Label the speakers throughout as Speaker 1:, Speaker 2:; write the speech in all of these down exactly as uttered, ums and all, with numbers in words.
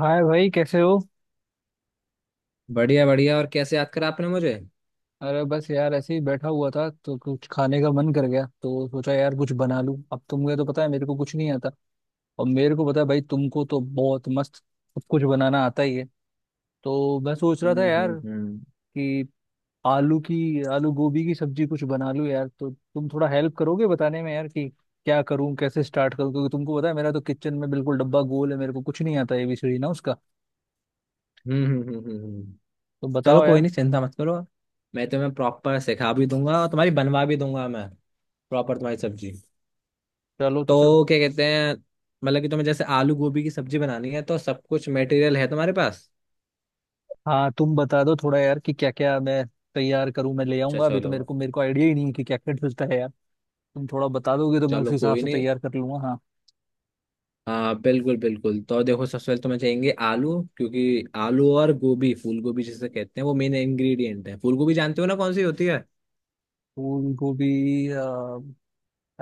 Speaker 1: हाय भाई, कैसे हो।
Speaker 2: बढ़िया बढ़िया। और कैसे याद करा आपने मुझे?
Speaker 1: अरे बस यार, ऐसे ही बैठा हुआ था तो कुछ खाने का मन कर गया, तो सोचा यार कुछ बना लूं। अब तुमको तो पता है मेरे को कुछ नहीं आता। और मेरे को पता है भाई, तुमको तो बहुत मस्त सब कुछ बनाना आता ही है। तो मैं सोच रहा था
Speaker 2: हम्म
Speaker 1: यार
Speaker 2: हम्म हम्म
Speaker 1: कि आलू की आलू गोभी की सब्जी कुछ बना लूं यार, तो तुम थोड़ा हेल्प करोगे बताने में यार कि क्या करूं, कैसे स्टार्ट करूं। क्योंकि तुमको पता है मेरा तो किचन में बिल्कुल डब्बा गोल है, मेरे को कुछ नहीं आता, ये भी सही ना उसका।
Speaker 2: हम्म हम्म हम्म हम्म, हम्म।
Speaker 1: तो
Speaker 2: चलो,
Speaker 1: बताओ
Speaker 2: कोई
Speaker 1: यार।
Speaker 2: नहीं, चिंता मत करो। मैं तुम्हें प्रॉपर सिखा भी दूंगा और तुम्हारी बनवा भी दूंगा मैं प्रॉपर तुम्हारी सब्जी।
Speaker 1: चलो तो फिर।
Speaker 2: तो क्या कहते हैं, मतलब कि तुम्हें जैसे आलू गोभी की सब्जी बनानी है, तो सब कुछ मटेरियल है तुम्हारे पास?
Speaker 1: हाँ, तुम बता दो थोड़ा यार कि क्या क्या मैं तैयार करूं, मैं ले
Speaker 2: अच्छा,
Speaker 1: आऊंगा अभी। तो
Speaker 2: चलो।
Speaker 1: मेरे को मेरे को आइडिया ही नहीं है कि क्या क्या डलता है यार। तुम थोड़ा बता दोगे तो मैं उस
Speaker 2: चलो,
Speaker 1: हिसाब
Speaker 2: कोई
Speaker 1: से
Speaker 2: नहीं।
Speaker 1: तैयार कर लूंगा, हाँ।
Speaker 2: हाँ, बिल्कुल बिल्कुल। तो देखो, सबसे पहले तुम्हें चाहिए आलू, क्योंकि आलू और गोभी, फूल गोभी जिसे कहते हैं, वो मेन इंग्रेडिएंट है। फूल गोभी जानते हो ना कौन सी होती है?
Speaker 1: फूल गोभी। अ,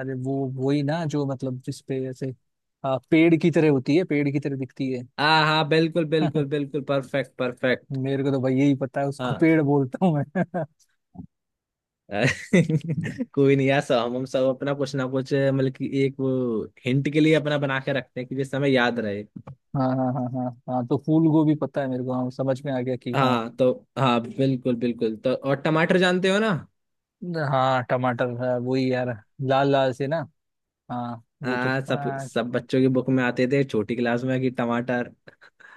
Speaker 1: अरे वो, वही ना जो मतलब जिसपे ऐसे अ, पेड़ की तरह होती है, पेड़ की तरह दिखती है।
Speaker 2: हाँ हाँ, बिल्कुल बिल्कुल बिल्कुल, परफेक्ट परफेक्ट।
Speaker 1: मेरे को तो भाई यही पता है, उसको
Speaker 2: हाँ
Speaker 1: पेड़ बोलता हूँ मैं।
Speaker 2: कोई नहीं यार, सब हम हम सब अपना कुछ ना कुछ मतलब कि एक वो हिंट के लिए अपना बना के रखते हैं कि जिससे हमें याद रहे।
Speaker 1: हाँ हाँ हाँ हाँ हाँ, तो फूल गोभी पता है मेरे को, हाँ समझ में आ गया कि हाँ।
Speaker 2: हाँ तो हाँ, बिल्कुल बिल्कुल। तो और टमाटर जानते हो ना?
Speaker 1: हाँ, टमाटर है वही यार, लाल लाल से ना, हाँ वो तो
Speaker 2: हाँ, सब
Speaker 1: हाँ।
Speaker 2: सब बच्चों की बुक में आते थे छोटी क्लास में कि टमाटर।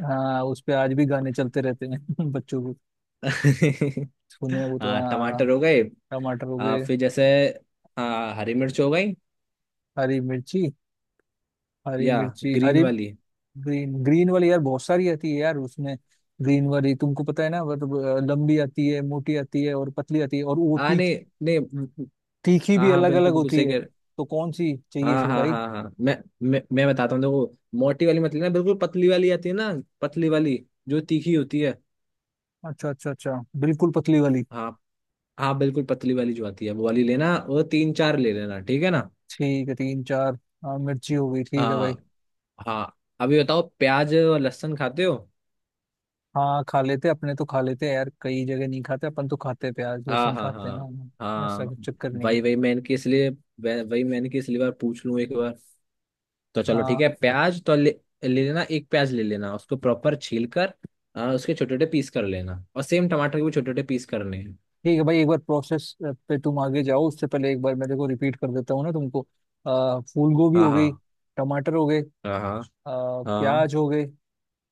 Speaker 1: हाँ, उस पे आज भी गाने चलते रहते हैं बच्चों को, सुने वो तो
Speaker 2: हाँ,
Speaker 1: हाँ।
Speaker 2: टमाटर हो गए।
Speaker 1: टमाटर हो
Speaker 2: आ,
Speaker 1: गए।
Speaker 2: फिर जैसे हाँ, हरी मिर्च हो गई।
Speaker 1: हरी मिर्ची, हरी
Speaker 2: या
Speaker 1: मिर्ची,
Speaker 2: ग्रीन
Speaker 1: हरी।
Speaker 2: वाली।
Speaker 1: ग्रीन ग्रीन वाली यार, बहुत सारी आती है यार उसमें। ग्रीन वाली तुमको पता है ना, वो तो अ, लंबी आती है, मोटी आती है, और पतली आती है, और वो
Speaker 2: हाँ,
Speaker 1: तीख
Speaker 2: नहीं नहीं।
Speaker 1: तीखी
Speaker 2: हाँ
Speaker 1: भी
Speaker 2: हाँ,
Speaker 1: अलग अलग
Speaker 2: बिल्कुल बिल्कुल,
Speaker 1: होती
Speaker 2: सही
Speaker 1: है,
Speaker 2: कह।
Speaker 1: तो कौन सी चाहिए
Speaker 2: हाँ
Speaker 1: फिर
Speaker 2: हाँ
Speaker 1: भाई?
Speaker 2: हाँ हाँ, मैं मैं, मैं बताता हूँ। देखो, मोटी वाली मत लेना, बिल्कुल पतली वाली आती है ना, पतली वाली जो तीखी होती है।
Speaker 1: अच्छा अच्छा अच्छा, बिल्कुल पतली वाली।
Speaker 2: हाँ हाँ, बिल्कुल पतली वाली जो आती है, वो वाली लेना। वो तीन चार ले लेना, ठीक है ना?
Speaker 1: ठीक है, तीन चार। हाँ, मिर्ची हो गई, ठीक है भाई।
Speaker 2: हाँ। हाँ, अभी बताओ, प्याज और लहसुन खाते हो?
Speaker 1: हाँ, खा लेते, अपने तो खा लेते यार, कई जगह नहीं खाते, अपन तो खाते, प्याज
Speaker 2: हाँ
Speaker 1: लहसुन
Speaker 2: हाँ
Speaker 1: खाते हैं
Speaker 2: हाँ
Speaker 1: हाँ, ऐसा
Speaker 2: हाँ।
Speaker 1: कुछ चक्कर नहीं है।
Speaker 2: वही वही मैंने कि इसलिए वह- वही मैंने कि इसलिए बार पूछ लूँ एक बार। तो चलो ठीक
Speaker 1: हाँ
Speaker 2: है, प्याज तो ले ले लेना, एक प्याज ले लेना उसको प्रॉपर छील कर। आ, उसके छोटे छोटे पीस कर लेना, और सेम टमाटर के भी छोटे छोटे पीस करने हैं।
Speaker 1: ठीक है भाई, एक बार प्रोसेस पे तुम आगे जाओ, उससे पहले एक बार मैं, देखो, रिपीट कर देता हूँ ना तुमको। आ, फूल गोभी
Speaker 2: हाँ
Speaker 1: हो
Speaker 2: हाँ
Speaker 1: गई। टमाटर हो गए। अ,
Speaker 2: हाँ हाँ
Speaker 1: प्याज हो गए।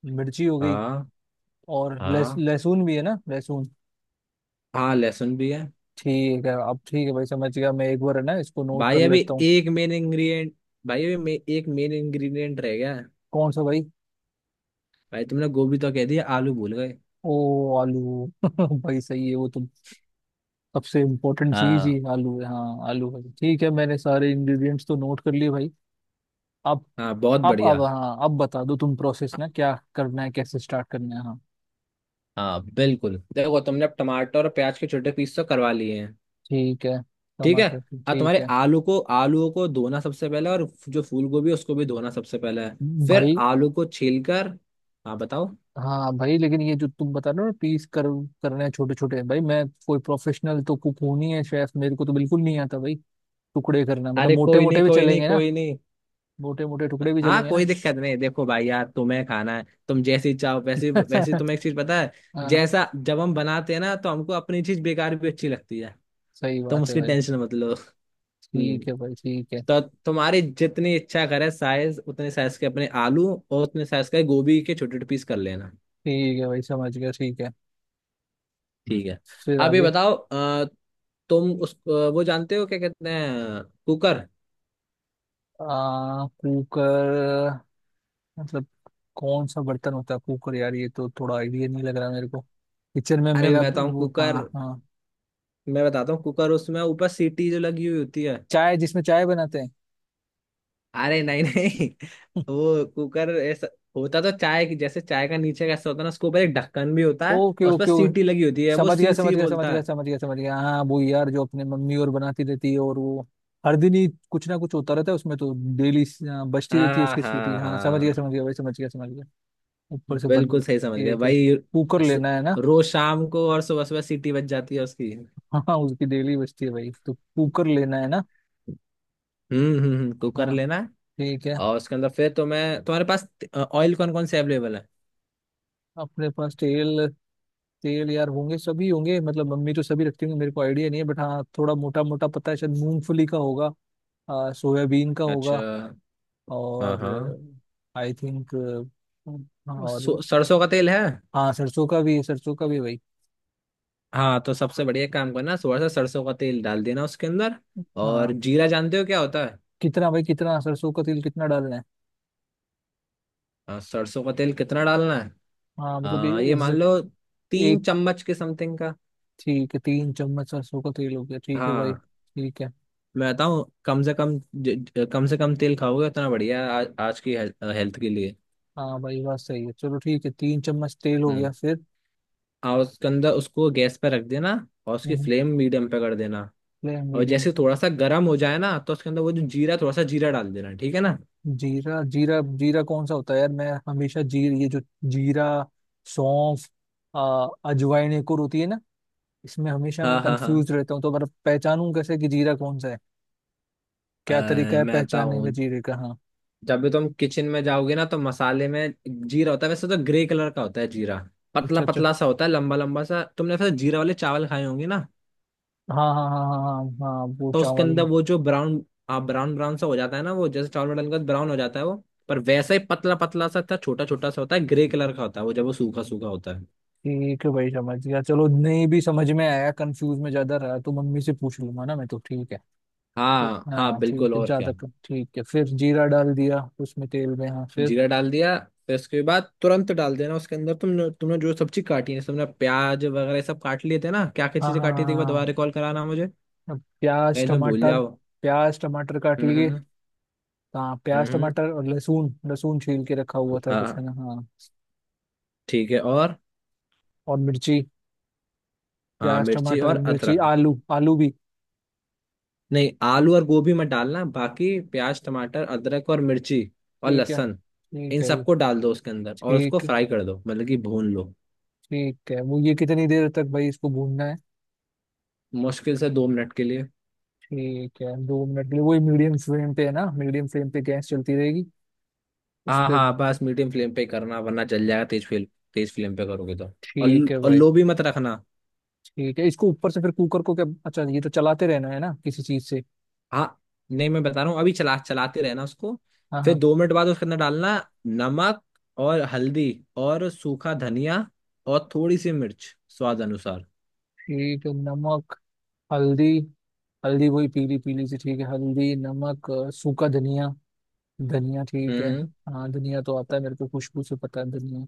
Speaker 1: मिर्ची हो गई।
Speaker 2: हाँ
Speaker 1: और लहस-
Speaker 2: हाँ।
Speaker 1: लहसुन भी है ना, लहसुन।
Speaker 2: हाँ, लहसुन भी है।
Speaker 1: ठीक है, अब ठीक है भाई, समझ गया, मैं एक बार, है ना, इसको नोट
Speaker 2: भाई,
Speaker 1: कर
Speaker 2: अभी
Speaker 1: लेता हूँ।
Speaker 2: एक मेन इंग्रेडिएंट भाई अभी मे, एक मेन इंग्रेडिएंट रह गया है।
Speaker 1: कौन सा भाई?
Speaker 2: भाई, तुमने गोभी तो कह दिया, आलू भूल गए।
Speaker 1: ओ, आलू। भाई सही है वो तो। सबसे इम्पोर्टेंट चीज ही
Speaker 2: हाँ।
Speaker 1: आलू है, हाँ आलू है, ठीक है मैंने सारे इंग्रेडिएंट्स तो नोट कर लिए भाई। अब।
Speaker 2: हाँ, बहुत
Speaker 1: अब अब
Speaker 2: बढ़िया।
Speaker 1: हाँ, अब बता दो तुम प्रोसेस ना, क्या करना है, कैसे स्टार्ट करना है हाँ।
Speaker 2: हाँ बिल्कुल, देखो, तुमने अब टमाटर और प्याज के छोटे पीस तो करवा लिए हैं।
Speaker 1: ठीक है,
Speaker 2: ठीक है।
Speaker 1: टमाटर की-
Speaker 2: अब
Speaker 1: ठीक
Speaker 2: तुम्हारे
Speaker 1: है
Speaker 2: आलू को आलूओं को धोना सबसे पहले, और जो फूल गोभी है, उसको भी धोना सबसे पहले है। फिर
Speaker 1: भाई।
Speaker 2: आलू को छील कर। हाँ बताओ।
Speaker 1: हाँ भाई, लेकिन ये जो तुम बता रहे हो ना, पीस कर करने हैं छोटे छोटे भाई, मैं कोई प्रोफेशनल तो कुक हूं नहीं है, शेफ मेरे को तो बिल्कुल नहीं आता भाई। टुकड़े करना मतलब
Speaker 2: अरे,
Speaker 1: मोटे
Speaker 2: कोई नहीं
Speaker 1: मोटे भी
Speaker 2: कोई नहीं
Speaker 1: चलेंगे ना,
Speaker 2: कोई नहीं।
Speaker 1: मोटे मोटे टुकड़े भी
Speaker 2: हाँ,
Speaker 1: चलेंगे ना।
Speaker 2: कोई दिक्कत नहीं। देखो भाई यार, तुम्हें खाना है, तुम जैसी चाहो वैसी वैसी। तुम्हें एक चीज पता है,
Speaker 1: हाँ,
Speaker 2: जैसा जब हम बनाते हैं ना, तो हमको अपनी चीज बेकार भी अच्छी लगती है।
Speaker 1: सही
Speaker 2: तुम
Speaker 1: बात है
Speaker 2: उसकी
Speaker 1: भाई।
Speaker 2: टेंशन मत लो। हम्म।
Speaker 1: ठीक है भाई ठीक है।
Speaker 2: तो तुम्हारी जितनी इच्छा करे साइज, उतने साइज के अपने आलू और उतने साइज के गोभी के छोटे छोटे पीस कर लेना।
Speaker 1: ठीक है भाई, समझ गया, ठीक है,
Speaker 2: ठीक है।
Speaker 1: फिर
Speaker 2: अब ये
Speaker 1: आगे।
Speaker 2: बताओ, अ, तुम उस अ, वो जानते हो क्या कहते हैं, कुकर?
Speaker 1: आ, कुकर, मतलब कौन सा बर्तन होता है कुकर यार? ये तो थोड़ा आइडिया नहीं लग रहा मेरे को, किचन में
Speaker 2: अरे
Speaker 1: मेरा
Speaker 2: मैं बताऊँ,
Speaker 1: वो,
Speaker 2: कुकर।
Speaker 1: हाँ हाँ।
Speaker 2: मैं बताता हूँ, कुकर उसमें ऊपर सीटी जो लगी हुई होती है।
Speaker 1: चाय, जिसमें चाय बनाते हैं?
Speaker 2: अरे नहीं नहीं वो कुकर ऐसा होता, तो चाय की जैसे चाय का नीचे का ऐसा होता है ना, उसके ऊपर एक ढक्कन भी होता है,
Speaker 1: ओके
Speaker 2: और उस पर
Speaker 1: ओके ओके,
Speaker 2: सीटी लगी होती है, वो
Speaker 1: समझ गया
Speaker 2: सी
Speaker 1: समझ
Speaker 2: सी
Speaker 1: गया समझ
Speaker 2: बोलता
Speaker 1: गया
Speaker 2: है।
Speaker 1: समझ गया समझ गया, हाँ वो यार जो अपने मम्मी और बनाती रहती है और वो, हर दिन ही कुछ ना कुछ होता रहता है उसमें तो, डेली बजती रहती है
Speaker 2: हाँ
Speaker 1: उसकी सीटी,
Speaker 2: हाँ
Speaker 1: हाँ समझ गया
Speaker 2: हाँ,
Speaker 1: समझ गया भाई समझ गया समझ गया। ऊपर से बंद।
Speaker 2: बिल्कुल सही समझ
Speaker 1: ये
Speaker 2: गए
Speaker 1: क्या,
Speaker 2: भाई।
Speaker 1: कुकर
Speaker 2: अस-
Speaker 1: लेना है ना?
Speaker 2: रोज शाम को और सुबह सुबह सीटी बज जाती है उसकी।
Speaker 1: हाँ, उसकी डेली बजती है भाई, तो कुकर लेना है ना।
Speaker 2: हम्म हम्म हम्म, कुकर
Speaker 1: हाँ,
Speaker 2: लेना।
Speaker 1: ठीक है।
Speaker 2: और उसके अंदर फिर तुम्हें, तुम्हारे पास ऑयल कौन कौन से अवेलेबल है?
Speaker 1: अपने पास तेल, तेल यार होंगे सभी, होंगे मतलब मम्मी तो सभी रखती होंगी, मेरे को आइडिया नहीं है, बट हाँ थोड़ा मोटा मोटा पता है, शायद मूंगफली का होगा। आ, सोयाबीन का होगा।
Speaker 2: अच्छा। हाँ
Speaker 1: और
Speaker 2: हाँ।
Speaker 1: आई थिंक,
Speaker 2: वो
Speaker 1: और
Speaker 2: सो- सरसों का तेल है।
Speaker 1: हाँ, सरसों का भी, सरसों का भी भाई।
Speaker 2: हाँ, तो सबसे बढ़िया काम करना, थोड़ा सा सरसों का तेल डाल देना उसके अंदर। और
Speaker 1: हाँ,
Speaker 2: जीरा जानते हो क्या होता है?
Speaker 1: कितना भाई, कितना सरसों का तेल कितना डालना है?
Speaker 2: हाँ, सरसों का तेल कितना डालना है,
Speaker 1: हाँ मतलब
Speaker 2: आ,
Speaker 1: ए-
Speaker 2: ये मान लो
Speaker 1: exact-
Speaker 2: तीन
Speaker 1: एक,
Speaker 2: चम्मच के समथिंग का।
Speaker 1: ठीक है तीन चम्मच सरसों का तेल हो गया, ठीक है भाई
Speaker 2: हाँ,
Speaker 1: ठीक है।
Speaker 2: मैं बताऊँ, कम से कम ज, ज- कम से कम तेल खाओगे उतना बढ़िया है, आज, आज की हेल्थ, हेल्थ के लिए।
Speaker 1: हाँ भाई, बात सही है, चलो ठीक है, तीन चम्मच तेल हो गया
Speaker 2: हम्म।
Speaker 1: फिर।
Speaker 2: और उसके अंदर उसको गैस पे रख देना, और उसकी फ्लेम मीडियम पे कर देना।
Speaker 1: फ्लेम
Speaker 2: और
Speaker 1: मीडियम।
Speaker 2: जैसे थोड़ा सा गर्म हो जाए ना, तो उसके अंदर वो जो जीरा थोड़ा सा जीरा डाल देना, ठीक है ना?
Speaker 1: जीरा, जीरा, जीरा कौन सा होता है यार? मैं हमेशा जीर ये जो जीरा, सौंफ, आ, अजवाइन एक और होती है ना। इसमें हमेशा मैं
Speaker 2: हाँ हाँ हाँ।
Speaker 1: कंफ्यूज रहता हूँ, तो मतलब पहचानूं कैसे कि जीरा कौन सा है?
Speaker 2: अ,
Speaker 1: क्या तरीका है
Speaker 2: मैं
Speaker 1: पहचानने
Speaker 2: बताऊँ,
Speaker 1: का जीरे का, हाँ?
Speaker 2: जब भी तुम किचन में जाओगे ना, तो मसाले में जीरा होता है, वैसे तो ग्रे कलर का होता है जीरा, पतला
Speaker 1: अच्छा अच्छा।
Speaker 2: पतला सा होता है, लंबा लंबा सा। तुमने वैसे जीरा वाले चावल खाए होंगे ना,
Speaker 1: हाँ हाँ हाँ हाँ हाँ हाँ हाँ, वो
Speaker 2: तो उसके
Speaker 1: चावल
Speaker 2: अंदर
Speaker 1: में।
Speaker 2: वो जो ब्राउन आप ब्राउन ब्राउन सा हो जाता है ना, वो जैसे चावल में डालने के बाद ब्राउन हो जाता है, वो पर वैसा ही पतला पतला सा था, छोटा छोटा सा होता है, ग्रे कलर का होता है वो जब वो सूखा सूखा होता है।
Speaker 1: ठीक है भाई, समझ गया, चलो नहीं भी समझ में आया, कंफ्यूज में ज्यादा रहा तो मम्मी से पूछ लूंगा ना मैं, तो ठीक है। ठीक-
Speaker 2: हाँ हाँ
Speaker 1: हाँ
Speaker 2: बिल्कुल।
Speaker 1: ठीक है,
Speaker 2: और
Speaker 1: ज्यादा
Speaker 2: क्या?
Speaker 1: कन- ठीक है, फिर जीरा डाल दिया उसमें तेल में, हाँ फिर।
Speaker 2: जीरा डाल दिया। फिर उसके बाद तुरंत डाल देना उसके अंदर, तुमने तुमने जो सब्जी काटी है, तुमने प्याज वगैरह सब काट लिए थे ना, क्या क्या
Speaker 1: हाँ
Speaker 2: चीजें
Speaker 1: हाँ हाँ
Speaker 2: काटी थी? एक बार
Speaker 1: हाँ,
Speaker 2: दोबारा
Speaker 1: हाँ।
Speaker 2: रिकॉल कराना मुझे,
Speaker 1: अब, प्याज
Speaker 2: कहीं तुम भूल
Speaker 1: टमाटर।
Speaker 2: जाओ।
Speaker 1: प्याज टमाटर काट लिए।
Speaker 2: हम्म
Speaker 1: हाँ,
Speaker 2: हम्म
Speaker 1: प्याज
Speaker 2: हम्म।
Speaker 1: टमाटर और लहसुन, लहसुन छील के रखा हुआ था कुछ, है
Speaker 2: हाँ,
Speaker 1: ना हाँ।
Speaker 2: ठीक है। और
Speaker 1: और मिर्ची।
Speaker 2: हाँ,
Speaker 1: प्याज
Speaker 2: मिर्ची
Speaker 1: टमाटर
Speaker 2: और
Speaker 1: मिर्ची
Speaker 2: अदरक।
Speaker 1: आलू, आलू भी।
Speaker 2: नहीं, आलू और गोभी मत डालना, बाकी प्याज टमाटर अदरक और मिर्ची और
Speaker 1: ठीक है,
Speaker 2: लहसुन,
Speaker 1: ठीक
Speaker 2: इन
Speaker 1: है,
Speaker 2: सबको डाल दो उसके अंदर, और उसको
Speaker 1: ठीक,
Speaker 2: फ्राई कर दो, मतलब कि भून लो।
Speaker 1: ठीक है, वो ये कितनी देर तक भाई इसको भूनना है?
Speaker 2: मुश्किल से दो मिनट के लिए।
Speaker 1: ठीक है, दो मिनट के लिए वही मीडियम फ्लेम पे है ना, मीडियम फ्लेम पे गैस चलती रहेगी उस
Speaker 2: हाँ
Speaker 1: पे,
Speaker 2: हाँ, बस मीडियम फ्लेम पे करना, वरना जल जाएगा। तेज फ्लेम तेज फ्लेम पे करोगे तो। और
Speaker 1: ठीक है
Speaker 2: और
Speaker 1: भाई।
Speaker 2: लो भी मत रखना।
Speaker 1: ठीक है, इसको ऊपर से फिर कुकर को क्या, अच्छा ये तो चलाते रहना है ना किसी चीज से?
Speaker 2: हाँ, नहीं, मैं बता रहा हूँ अभी, चला चलाते रहना उसको।
Speaker 1: हाँ
Speaker 2: फिर
Speaker 1: हाँ।
Speaker 2: दो मिनट बाद उसके अंदर डालना नमक, और हल्दी, और सूखा धनिया, और थोड़ी सी मिर्च स्वाद अनुसार।
Speaker 1: ठीक है, नमक। हल्दी। हल्दी वही पीली पीली सी, ठीक है, हल्दी, नमक, अ, सूखा धनिया। धनिया, ठीक है।
Speaker 2: हम्म।
Speaker 1: हाँ, धनिया तो आता है मेरे को, खुशबू से पता है धनिया।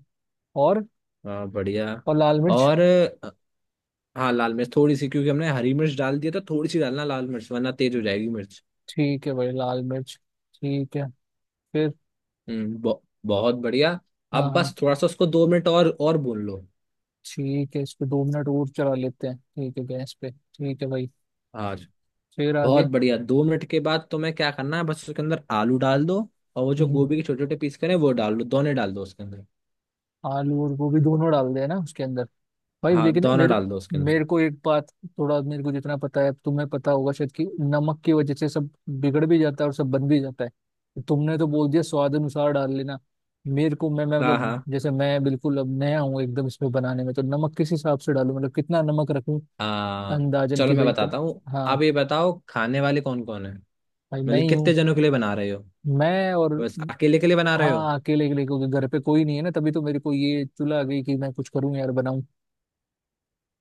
Speaker 1: और।
Speaker 2: हाँ बढ़िया।
Speaker 1: और लाल मिर्च।
Speaker 2: और अ, हाँ, लाल मिर्च थोड़ी सी, क्योंकि हमने हरी मिर्च डाल दिया था, थोड़ी सी डालना लाल मिर्च, वरना तेज हो जाएगी मिर्च।
Speaker 1: ठीक है भाई, लाल मिर्च। ठीक है। फिर।
Speaker 2: हम्म बहु- बहुत बढ़िया।
Speaker 1: हाँ
Speaker 2: अब
Speaker 1: हाँ।
Speaker 2: बस थोड़ा सा उसको दो मिनट और और भून लो।
Speaker 1: ठीक है, इसको दो मिनट और चला लेते हैं, ठीक है गैस पे, ठीक है भाई।
Speaker 2: हाँ,
Speaker 1: फिर
Speaker 2: बहुत
Speaker 1: आगे।
Speaker 2: बढ़िया। दो मिनट के बाद तुम्हें क्या करना है, बस उसके अंदर आलू डाल दो, और वो जो
Speaker 1: हम्म,
Speaker 2: गोभी के छोटे छोटे पीस करें वो डाल दो, दोनों डाल दो उसके अंदर।
Speaker 1: आलू और गोभी दोनों डाल देना उसके अंदर। भाई
Speaker 2: हाँ,
Speaker 1: लेकिन
Speaker 2: दोनों
Speaker 1: मेरे
Speaker 2: डाल दो उसके अंदर।
Speaker 1: मेरे को एक बात, थोड़ा मेरे को जितना पता है तुम्हें पता होगा शायद, कि नमक की वजह से सब बिगड़ भी जाता है और सब बन भी जाता है, तुमने तो बोल दिया स्वाद अनुसार डाल लेना। मेरे को मैं मैं
Speaker 2: हाँ
Speaker 1: मतलब
Speaker 2: हाँ
Speaker 1: जैसे मैं बिल्कुल अब नया हूँ एकदम इसमें बनाने में, तो नमक किस हिसाब से डालूं, मतलब कितना नमक रखूं?
Speaker 2: हाँ,
Speaker 1: अंदाजन
Speaker 2: चलो
Speaker 1: की
Speaker 2: मैं
Speaker 1: भाई। तन
Speaker 2: बताता हूँ।
Speaker 1: हाँ
Speaker 2: आप ये बताओ, खाने वाले कौन कौन है,
Speaker 1: भाई, मैं
Speaker 2: मतलब
Speaker 1: ही
Speaker 2: कितने
Speaker 1: हूँ।
Speaker 2: जनों के लिए बना रहे हो?
Speaker 1: मैं और।
Speaker 2: बस अकेले के लिए बना रहे हो?
Speaker 1: हाँ, अकेले अकेले क्योंकि घर पे कोई नहीं है ना, तभी तो मेरे को ये चुला आ गई कि मैं कुछ करूँ यार, बनाऊं।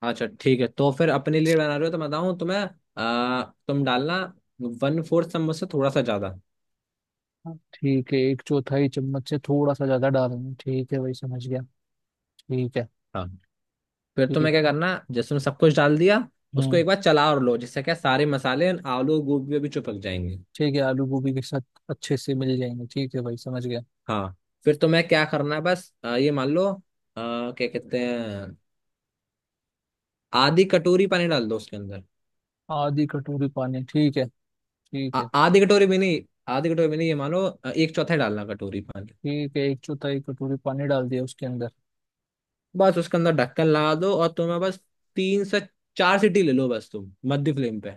Speaker 2: अच्छा ठीक है, तो फिर अपने लिए बना रहे हो तो बताऊँ तुम्हें। आ, तुम डालना वन फोर्थ चम्मच से थोड़ा सा ज्यादा।
Speaker 1: हाँ, ठीक है, एक चौथाई चम्मच से थोड़ा सा ज्यादा डालेंगे, ठीक है भाई, समझ गया, ठीक है,
Speaker 2: हाँ। फिर
Speaker 1: ठीक
Speaker 2: तुम्हें क्या
Speaker 1: है।
Speaker 2: करना, जैसे उसमें सब कुछ डाल दिया, उसको
Speaker 1: हम्म,
Speaker 2: एक बार चला और लो, जिससे क्या, सारे मसाले और आलू गोभी भी चिपक जाएंगे।
Speaker 1: ठीक है, आलू गोभी के साथ अच्छे से मिल जाएंगे, ठीक है भाई, समझ गया।
Speaker 2: हाँ। फिर तुम्हें क्या करना है, बस अ, ये मान लो अ, क्या कहते हैं, आधी कटोरी पानी डाल दो उसके अंदर।
Speaker 1: आधी कटोरी पानी, ठीक है,
Speaker 2: आ,
Speaker 1: ठीक है।
Speaker 2: आधी कटोरी भी नहीं आधी कटोरी भी नहीं, ये मान लो अ, एक चौथाई डालना कटोरी पानी।
Speaker 1: ठीक है, एक चौथाई कटोरी पानी डाल दिया उसके अंदर।
Speaker 2: बस उसके अंदर ढक्कन लगा दो, और तुम्हें बस तीन से चार सीटी ले लो, बस तुम मध्य फ्लेम पे।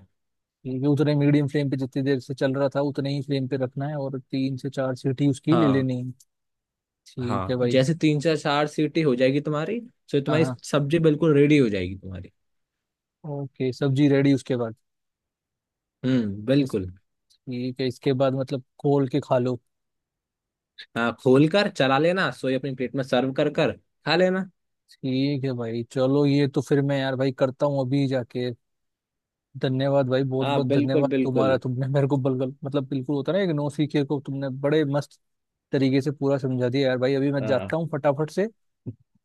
Speaker 1: ठीक है, उतने मीडियम फ्लेम पे जितनी देर से चल रहा था उतने ही फ्लेम पे रखना है, और तीन से चार सीटी उसकी ले
Speaker 2: हाँ
Speaker 1: लेनी है। ठीक है
Speaker 2: हाँ।
Speaker 1: भाई।
Speaker 2: जैसे तीन से चार सीटी हो जाएगी तुम्हारी, तो
Speaker 1: हाँ
Speaker 2: तुम्हारी
Speaker 1: हाँ।
Speaker 2: सब्जी बिल्कुल रेडी हो जाएगी तुम्हारी।
Speaker 1: ओके, सब्जी रेडी, उसके बाद।
Speaker 2: हम्म,
Speaker 1: इस-
Speaker 2: बिल्कुल।
Speaker 1: ठीक है, इसके बाद मतलब खोल के खा लो।
Speaker 2: हाँ, खोल कर चला लेना, सोई अपनी प्लेट में सर्व कर कर खा लेना।
Speaker 1: ठीक है भाई चलो, ये तो फिर मैं यार भाई करता हूँ अभी जाके। धन्यवाद भाई, बहुत
Speaker 2: हाँ,
Speaker 1: बहुत
Speaker 2: बिल्कुल
Speaker 1: धन्यवाद तुम्हारा,
Speaker 2: बिल्कुल।
Speaker 1: तुमने मेरे को बलगल मतलब बिल्कुल होता है ना, एक नौसिखिए को तुमने बड़े मस्त तरीके से पूरा समझा दिया यार भाई, अभी मैं जाता
Speaker 2: हाँ।
Speaker 1: हूँ फटाफट से।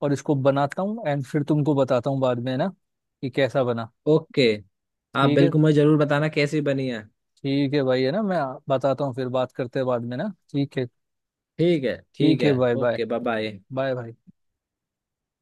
Speaker 1: और इसको बनाता हूँ, एंड फिर तुमको बताता हूँ बाद में ना, कि कैसा बना।
Speaker 2: ओके। आप
Speaker 1: ठीक है,
Speaker 2: बिल्कुल मुझे जरूर बताना कैसी बनी है।
Speaker 1: ठीक है भाई, है ना, मैं बताता हूँ, फिर बात करते हैं बाद में ना, ठीक है।
Speaker 2: ठीक है, ठीक
Speaker 1: ठीक है,
Speaker 2: है।
Speaker 1: Bye bye.
Speaker 2: Okay, bye bye.
Speaker 1: Bye भाई।